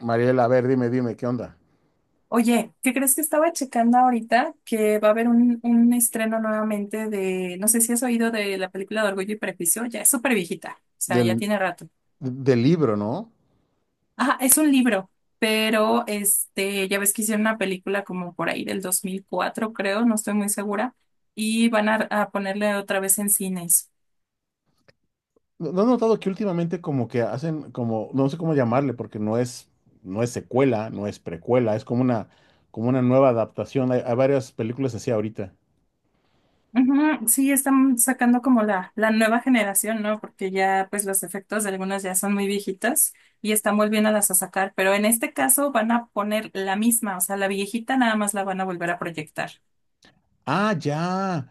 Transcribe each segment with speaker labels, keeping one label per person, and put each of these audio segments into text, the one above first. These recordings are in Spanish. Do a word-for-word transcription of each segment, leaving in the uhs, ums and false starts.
Speaker 1: Mariela, a ver, dime, dime, ¿qué onda?
Speaker 2: Oye, ¿qué crees que estaba checando ahorita? Que va a haber un, un estreno nuevamente de, no sé si has oído de la película de Orgullo y Prejuicio, ya es súper viejita, o sea, ya
Speaker 1: Del,
Speaker 2: tiene rato.
Speaker 1: del libro, ¿no?
Speaker 2: Ajá, es un libro, pero este, ya ves que hicieron una película como por ahí del dos mil cuatro, creo, no estoy muy segura, y van a, a ponerle otra vez en cines.
Speaker 1: ¿No no has notado que últimamente como que hacen como, no sé cómo llamarle, porque no es, no es secuela, no es precuela, es como una, como una nueva adaptación. Hay, hay varias películas así ahorita.
Speaker 2: Ujú, sí, están sacando como la, la nueva generación, ¿no? Porque ya pues los efectos de algunas ya son muy viejitas y están volviéndolas a sacar, pero en este caso van a poner la misma, o sea, la viejita nada más la van a volver a proyectar.
Speaker 1: Ah, ya.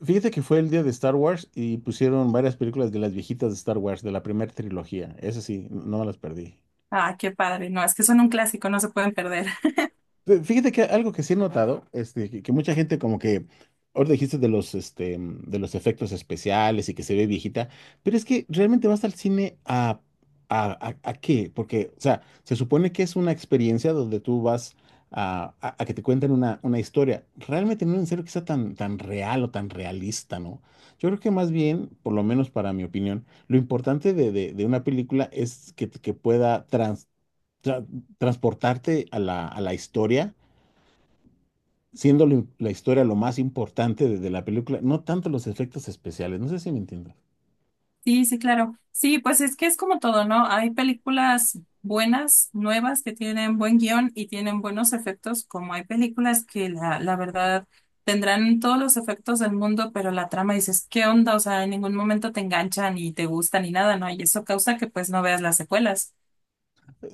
Speaker 1: Fíjate que fue el día de Star Wars y pusieron varias películas de las viejitas de Star Wars, de la primera trilogía. Esas sí, no me las perdí.
Speaker 2: Ah, qué padre, no, es que son un clásico, no se pueden perder.
Speaker 1: Pe- Fíjate que algo que sí he notado, este, que, que mucha gente como que, ahorita dijiste de los, este, mm, de los efectos especiales y que se ve viejita, pero es que realmente vas al cine a, a, a- a qué, porque, o sea, se supone que es una experiencia donde tú vas a, a- a que te cuenten una, una historia, realmente no es en serio que sea tan, tan real o tan realista, ¿no? Yo creo que más bien, por lo menos para mi opinión, lo importante de, de- de una película es que, que pueda trans- tra- transportarte a la, a la historia siendo la la historia lo más importante de, de la película, no tanto los efectos especiales, no sé si me entiendes.
Speaker 2: Sí, sí, claro. Sí, pues es que es como todo, ¿no? Hay películas buenas, nuevas, que tienen buen guión y tienen buenos efectos, como hay películas que la, la verdad tendrán todos los efectos del mundo, pero la trama dices, ¿qué onda? O sea, en ningún momento te enganchan ni te gusta ni nada, ¿no? Y eso causa que pues no veas las secuelas.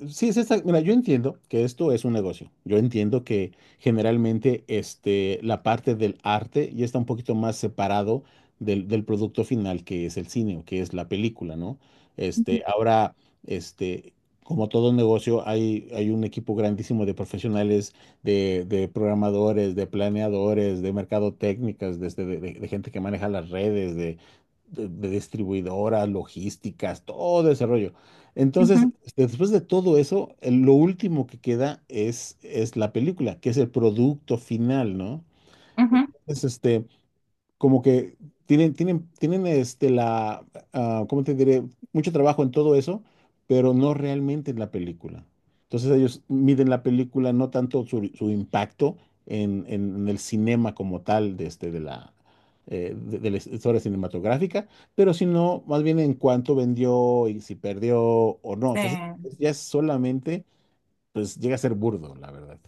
Speaker 1: Sí, es esta. Mira, yo entiendo que esto es un negocio. Yo entiendo que generalmente este, la parte del arte ya está un poquito más separado del, del producto final, que es el cine o que es la película, ¿no? Este, ahora, este, como todo negocio, hay, hay un equipo grandísimo de profesionales, de, de programadores, de planeadores, de mercadotécnicas, desde de, de- de gente que maneja las redes, de, de de distribuidoras, logísticas, todo ese rollo. Entonces,
Speaker 2: Ujú,
Speaker 1: este, después de todo eso, el- lo último que queda es, es la película, que es el producto final, ¿no?
Speaker 2: ujú.
Speaker 1: Es este, como que tienen, tienen, tienen este la, ah, ¿cómo te diré? Mucho trabajo en todo eso, pero no realmente en la película. Entonces ellos miden la película no tanto su, su impacto en, en- en el cinema como tal de, este, de la, eh, de, de la historia cinematográfica, pero sino más bien en cuánto vendió y si perdió o no. Entonces
Speaker 2: Eh,
Speaker 1: ya es solamente, pues llega a ser burdo, la verdad.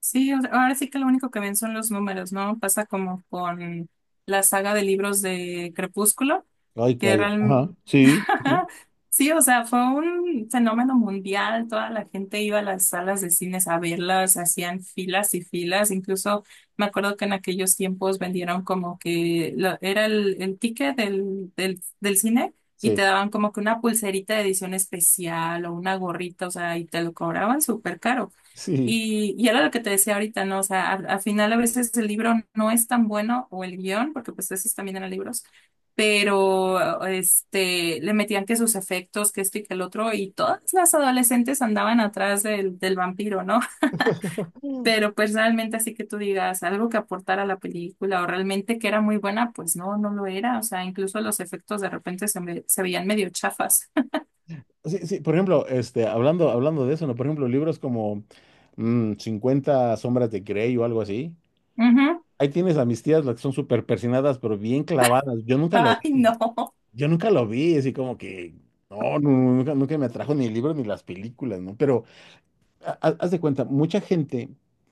Speaker 2: sí, o- ahora sí que lo único que ven son los números, ¿no? Pasa como con la saga de libros de Crepúsculo
Speaker 1: Ay,
Speaker 2: que
Speaker 1: calla.
Speaker 2: real-
Speaker 1: Ajá, sí, sí,
Speaker 2: Sí, o sea, fue un fenómeno mundial. Toda la gente iba a las salas de cines a verlas, hacían filas y filas. Incluso me acuerdo que en aquellos tiempos vendieron como que lo- era el, el ticket del, del, del cine y te
Speaker 1: sí.
Speaker 2: daban como que una pulserita de edición especial o una gorrita, o sea, y te lo cobraban súper caro.
Speaker 1: Sí.
Speaker 2: Y, y era lo que te decía ahorita, ¿no? O sea, al, al final a veces el libro no es tan bueno o el guión, porque pues esos también eran libros, pero este, le metían que sus efectos, que esto y que el otro, y todas las adolescentes andaban atrás del, del vampiro, ¿no? Pero pues realmente así que tú digas algo que aportara a la película o realmente que era muy buena, pues no, no lo era. O sea, incluso los efectos de repente se, me- se veían medio chafas.
Speaker 1: Sí, sí, por ejemplo, este, hablando, hablando de eso, ¿no? Por ejemplo, libros como mm, cincuenta sombras de Grey o algo así.
Speaker 2: Ujú.
Speaker 1: Ahí tienes a mis tías, las que son súper persinadas, pero bien clavadas. Yo nunca lo,
Speaker 2: Ay, no.
Speaker 1: yo nunca lo vi, así como que, no, nu- nunca, nunca me atrajo ni el libro ni las películas, ¿no? Pero ha- ha- haz de cuenta, mucha gente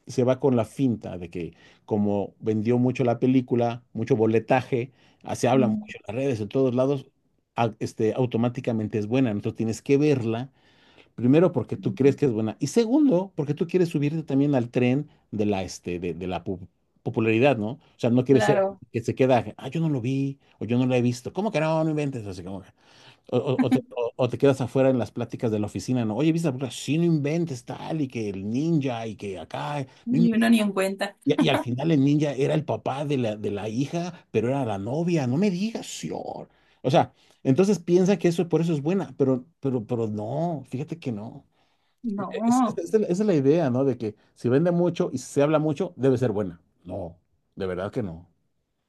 Speaker 1: se va con la finta de que como vendió mucho la película, mucho boletaje, ah, se habla mucho
Speaker 2: Mm,
Speaker 1: en las redes, en todos lados, a- este, automáticamente es buena. Entonces tienes que verla. Primero, porque tú crees que es buena. Y segundo, porque tú quieres subirte también al tren de la, este, de, de la pu- popularidad, ¿no? O sea, no quieres ser
Speaker 2: claro.
Speaker 1: que se queda, ah, yo no lo vi, o yo no lo he visto. ¿Cómo que no? No inventes. Así como que- o, o- o te, o- o te quedas afuera en las pláticas de la oficina, ¿no? Oye, ¿viste la película? Sí, no inventes tal, y que el ninja, y que acá. No in-
Speaker 2: Y uno ni en cuenta.
Speaker 1: Y, y al final el ninja era el papá de la, de la hija, pero era la novia. No me digas, señor. O sea, entonces piensa que eso por eso es buena, pero, pero, pero no, fíjate que no. Esa es
Speaker 2: No,
Speaker 1: la esa es la idea, ¿no? De que si vende mucho y se habla mucho, debe ser buena. No, de verdad que no.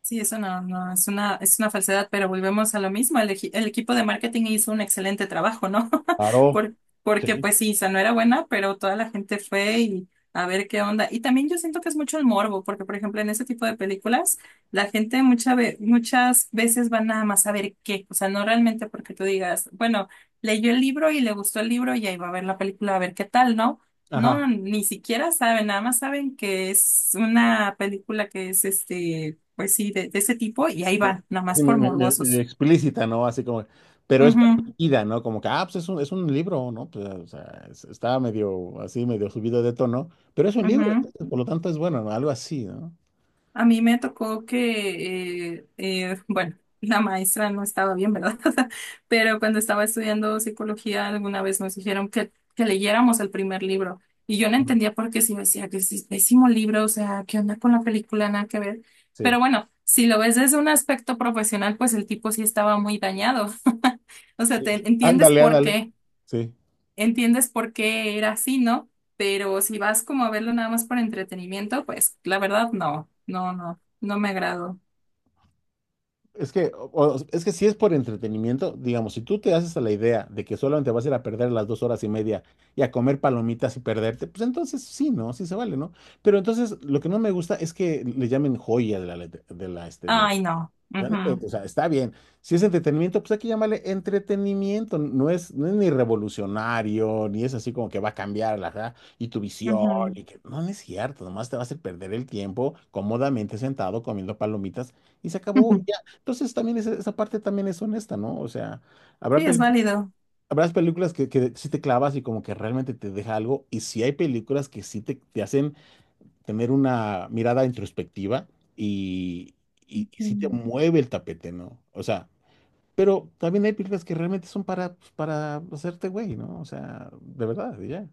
Speaker 2: sí, eso no, no, es una, es una falsedad, pero volvemos a lo mismo. El, eji- el equipo de marketing hizo un excelente trabajo, ¿no?
Speaker 1: Claro,
Speaker 2: Por- Porque
Speaker 1: sí.
Speaker 2: pues sí, esa no era buena, pero toda la gente fue y a ver qué onda. Y también yo siento que es mucho el morbo, porque por ejemplo en ese tipo de películas, la gente mucha ve- muchas veces va nada más a ver qué, o sea, no realmente porque tú digas, bueno, leyó el libro y le gustó el libro y ahí va a ver la película a ver qué tal, ¿no?
Speaker 1: Ajá.
Speaker 2: No, ni siquiera saben, nada más saben que es una película que es este pues sí, de, de ese tipo, y ahí van, nomás
Speaker 1: Así me-
Speaker 2: por
Speaker 1: me- me- medio
Speaker 2: morbosos.
Speaker 1: explícita, ¿no? Así como, pero es permitida, ¿no? Como que, ah, pues es un, es un libro, ¿no? Pues, o sea, es- está medio así, medio subido de tono, pero es un
Speaker 2: Ujú,
Speaker 1: libro,
Speaker 2: ujú.
Speaker 1: entonces, por lo tanto es bueno, ¿no? Algo así, ¿no?
Speaker 2: A mí me tocó que, eh, eh, bueno, la maestra no estaba bien, ¿verdad? Pero cuando estaba estudiando psicología, alguna vez nos dijeron que, que leyéramos el primer libro, y yo no
Speaker 1: Ajá.
Speaker 2: entendía por qué, si me decía que es pésimo libro, o sea, ¿qué onda con la película? Nada que ver.
Speaker 1: Sí,
Speaker 2: Pero bueno, si lo ves desde un aspecto profesional, pues el tipo sí estaba muy dañado. O sea,
Speaker 1: sí.
Speaker 2: te entiendes
Speaker 1: Ándale,
Speaker 2: por
Speaker 1: ándale.
Speaker 2: qué.
Speaker 1: Sí.
Speaker 2: Entiendes por qué era así, ¿no? Pero si vas como a verlo nada más por entretenimiento, pues la verdad no, no, no, no me agradó.
Speaker 1: Es que, o- o- es que si es por entretenimiento, digamos, si tú te haces a la idea de que solamente vas a ir a perder las dos horas y media y a comer palomitas y perderte, pues entonces sí, ¿no? Sí se vale, ¿no? Pero entonces lo que no me gusta es que le llamen joya de la, let- de la, este, del
Speaker 2: Ay, no.
Speaker 1: O sea, no
Speaker 2: Ujú,
Speaker 1: inventes, o sea, está bien. Si es entretenimiento, pues hay que llamarle entretenimiento. No es, no es ni revolucionario, ni es así como que va a cambiar la, ja, y tu visión,
Speaker 2: ujú,
Speaker 1: y que no, no es cierto, nomás te va a hacer perder el tiempo cómodamente sentado comiendo palomitas y se acabó.
Speaker 2: ujú.
Speaker 1: Ya. Entonces también esa, esa parte también es honesta, ¿no? O sea, habrá
Speaker 2: Sí, es
Speaker 1: pel-
Speaker 2: válido.
Speaker 1: habrás películas que, que sí te clavas y como que realmente te deja algo, y si hay películas que sí te, te hacen tener una mirada introspectiva y, y, y sí te
Speaker 2: Ujú.
Speaker 1: mueve el tapete, ¿no? O sea, pero también hay películas que realmente son para, pues, para hacerte güey, ¿no? O sea, de verdad, y ya.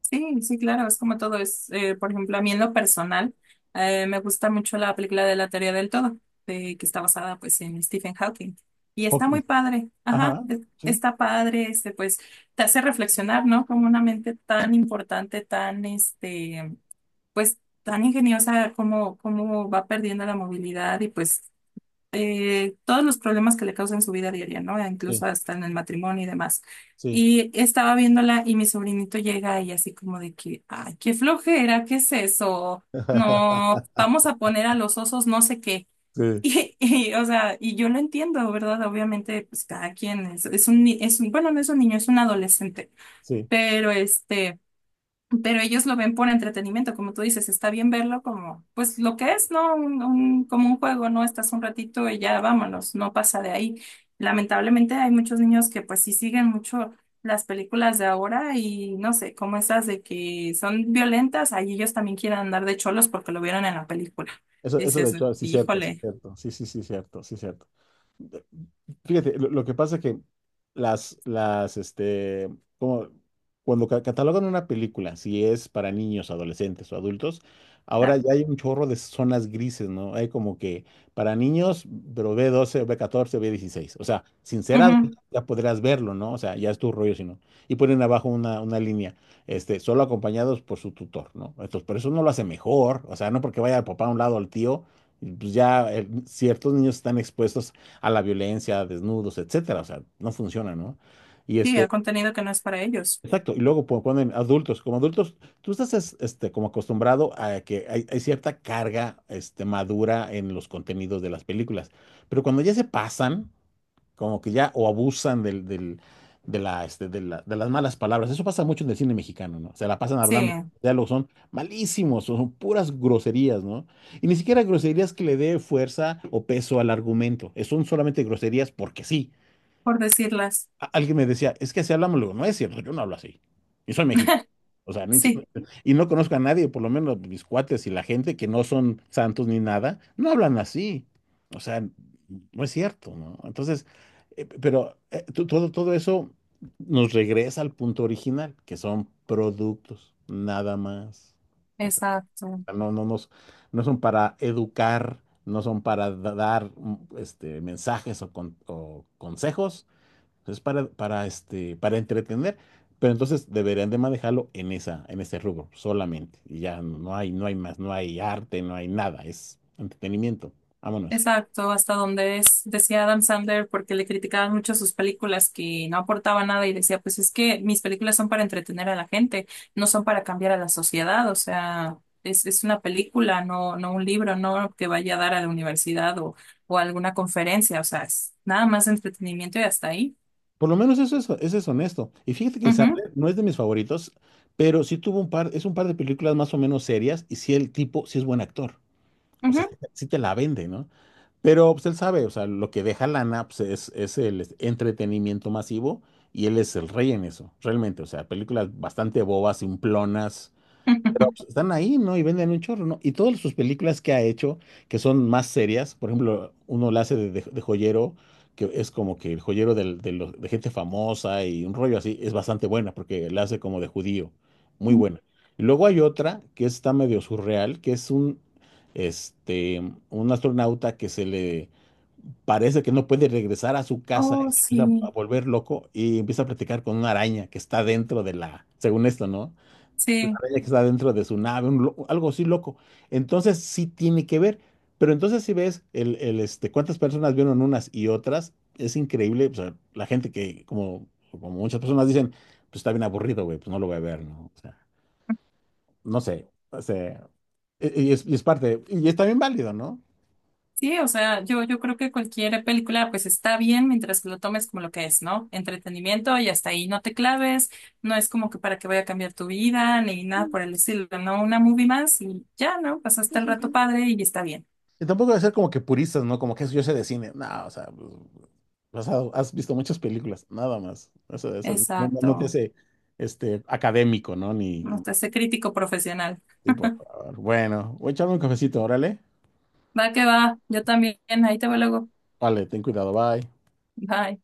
Speaker 2: Sí, sí, claro, es como todo es, eh, por ejemplo, a mí en lo personal, eh, me gusta mucho la película de La Teoría del Todo, de- que está basada pues en Stephen Hawking. Y está muy
Speaker 1: Hawkins.
Speaker 2: padre, ajá,
Speaker 1: Ajá,
Speaker 2: es-
Speaker 1: sí,
Speaker 2: está padre, este, pues te hace reflexionar, ¿no? Como una mente tan importante, tan, este, pues tan ingeniosa como, como va perdiendo la movilidad y pues eh, todos los problemas que le causan su vida diaria, ¿no?
Speaker 1: sí,
Speaker 2: Incluso hasta en el matrimonio y demás.
Speaker 1: sí.
Speaker 2: Y estaba viéndola y mi sobrinito llega y así como de que, ay, qué flojera, ¿qué es eso? No, vamos a poner a los osos no sé qué.
Speaker 1: Sí,
Speaker 2: Y, y, o sea, y yo lo entiendo, ¿verdad? Obviamente, pues cada quien es, es un, ni- es un, bueno, no es un niño, es un adolescente,
Speaker 1: sí.
Speaker 2: pero este pero ellos lo ven por entretenimiento, como tú dices, está bien verlo como, pues lo que es, ¿no? Un, un- como un juego, ¿no? Estás un ratito y ya vámonos, no pasa de ahí. Lamentablemente hay muchos niños que pues sí siguen mucho las películas de ahora y no sé, como esas de que son violentas, ahí ellos también quieren andar de cholos porque lo vieron en la película.
Speaker 1: Eso, eso de
Speaker 2: Dices,
Speaker 1: hecho, sí, cierto, sí,
Speaker 2: híjole,
Speaker 1: cierto. Sí, sí, sí, cierto, sí, cierto. Fíjate, lo, lo que pasa es que las, las, este, como cuando ca- catalogan una película, si es para niños, adolescentes o adultos, ahora
Speaker 2: da.
Speaker 1: ya hay un chorro de zonas grises, ¿no? Hay como que para niños, pero b doce o B catorce, o B dieciséis. O sea, sin ser adulto,
Speaker 2: Ujú.
Speaker 1: ya podrás verlo, ¿no? O sea, ya es tu rollo, si no. Y ponen abajo una, una línea, este, solo acompañados por su tutor, ¿no? Entonces, por eso no lo hace mejor, o sea, no porque vaya el papá a un lado al tío, pues ya eh, ciertos niños están expuestos a la violencia, a desnudos, etcétera. O sea, no funciona, ¿no? Y
Speaker 2: Sí,
Speaker 1: este,
Speaker 2: el contenido que no es para ellos.
Speaker 1: Exacto, y luego po- ponen adultos. Como adultos, tú estás es- este, como acostumbrado a que hay, hay cierta carga este, madura en los contenidos de las películas, pero cuando ya se pasan, como que ya o abusan del, del- de, la, este, de, la- de las malas palabras, eso pasa mucho en el cine mexicano, ¿no? Se la pasan
Speaker 2: Sí,
Speaker 1: hablando, los diálogos son malísimos, son puras groserías, ¿no? Y ni siquiera groserías que le dé fuerza o peso al argumento, son solamente groserías porque sí
Speaker 2: por decirlas.
Speaker 1: a- alguien me decía, es que así hablamos, le digo, no es cierto, yo no hablo así. Y soy mexicano. O sea, ni si-
Speaker 2: Sí,
Speaker 1: y no conozco a nadie, por lo menos mis cuates y la gente que no son santos ni nada, no hablan así. O sea, no es cierto, ¿no? Entonces, eh, p- pero eh, to- todo, todo eso nos regresa al punto original, que son productos, nada más. O sea,
Speaker 2: exacto.
Speaker 1: no, no, nos- no son para educar, no son para da- dar mm, este, mensajes o, con- o consejos es para, para, este, para entretener, pero entonces deberían de manejarlo en esa, en ese rubro solamente. Y ya no hay, no hay más, no hay arte, no hay nada, es entretenimiento. Vámonos.
Speaker 2: Exacto, hasta donde es, decía Adam Sandler, porque le criticaban mucho sus películas que no aportaban nada y decía, pues es que mis películas son para entretener a la gente, no son para cambiar a la sociedad, o sea, es, es una película, no, no un libro, no que vaya a dar a la universidad o, o a alguna conferencia, o sea, es nada más entretenimiento y hasta ahí.
Speaker 1: Por lo menos eso es, eso es honesto. Y fíjate que el Sandler no es de mis favoritos, pero sí tuvo un par, es un par de películas más o menos serias y sí el tipo, sí es buen actor. O
Speaker 2: Ujú, ujú.
Speaker 1: sea, sí te la vende, ¿no? Pero pues él sabe, o sea, lo que deja lana pues, es, es el entretenimiento masivo y él es el rey en eso, realmente. O sea, películas bastante bobas, simplonas, pero pues, están ahí, ¿no? Y venden un chorro, ¿no? Y todas sus películas que ha hecho, que son más serias, por ejemplo, uno la hace de, de- de joyero, que es como que el joyero del- de, los- de gente famosa y un rollo así, es bastante buena, porque la hace como de judío, muy buena. Y luego hay otra que está medio surreal, que es un, este, un astronauta que se le parece que no puede regresar a su casa y
Speaker 2: Oh,
Speaker 1: se empieza a
Speaker 2: sí,
Speaker 1: volver loco y empieza a platicar con una araña que está dentro de la, según esto, ¿no? La
Speaker 2: sí.
Speaker 1: bella que está dentro de su nave, un lo- algo así loco. Entonces sí tiene que ver. Pero entonces si ves el, el, este, cuántas personas vieron unas y otras, es increíble. O sea, la gente que, como, como muchas personas dicen, pues está bien aburrido, güey, pues no lo voy a ver, ¿no? O sea, no sé. O sea, y y es, y es parte, y es también válido, ¿no?
Speaker 2: Sí, o sea, yo, yo creo que cualquier película pues está bien mientras que lo tomes como lo que es, ¿no? Entretenimiento y hasta ahí no te claves, no es como que para que vaya a cambiar tu vida ni nada por el estilo, ¿no? Una movie más y ya, ¿no?
Speaker 1: Sí,
Speaker 2: Pasaste el
Speaker 1: sí,
Speaker 2: rato
Speaker 1: sí.
Speaker 2: padre y está bien.
Speaker 1: Y tampoco debe ser como que puristas, ¿no? Como que eso yo sé de cine. No, o sea, pues, pues, has, has visto muchas películas, nada más. Eso, eso no, no- no te
Speaker 2: Exacto.
Speaker 1: hace este, académico, ¿no?
Speaker 2: No
Speaker 1: Ni.
Speaker 2: te hace crítico profesional.
Speaker 1: Sí, por favor. Bueno, voy a echarme un cafecito, órale.
Speaker 2: Va que va, yo también, ahí te veo luego.
Speaker 1: Vale, ten cuidado, bye.
Speaker 2: Bye.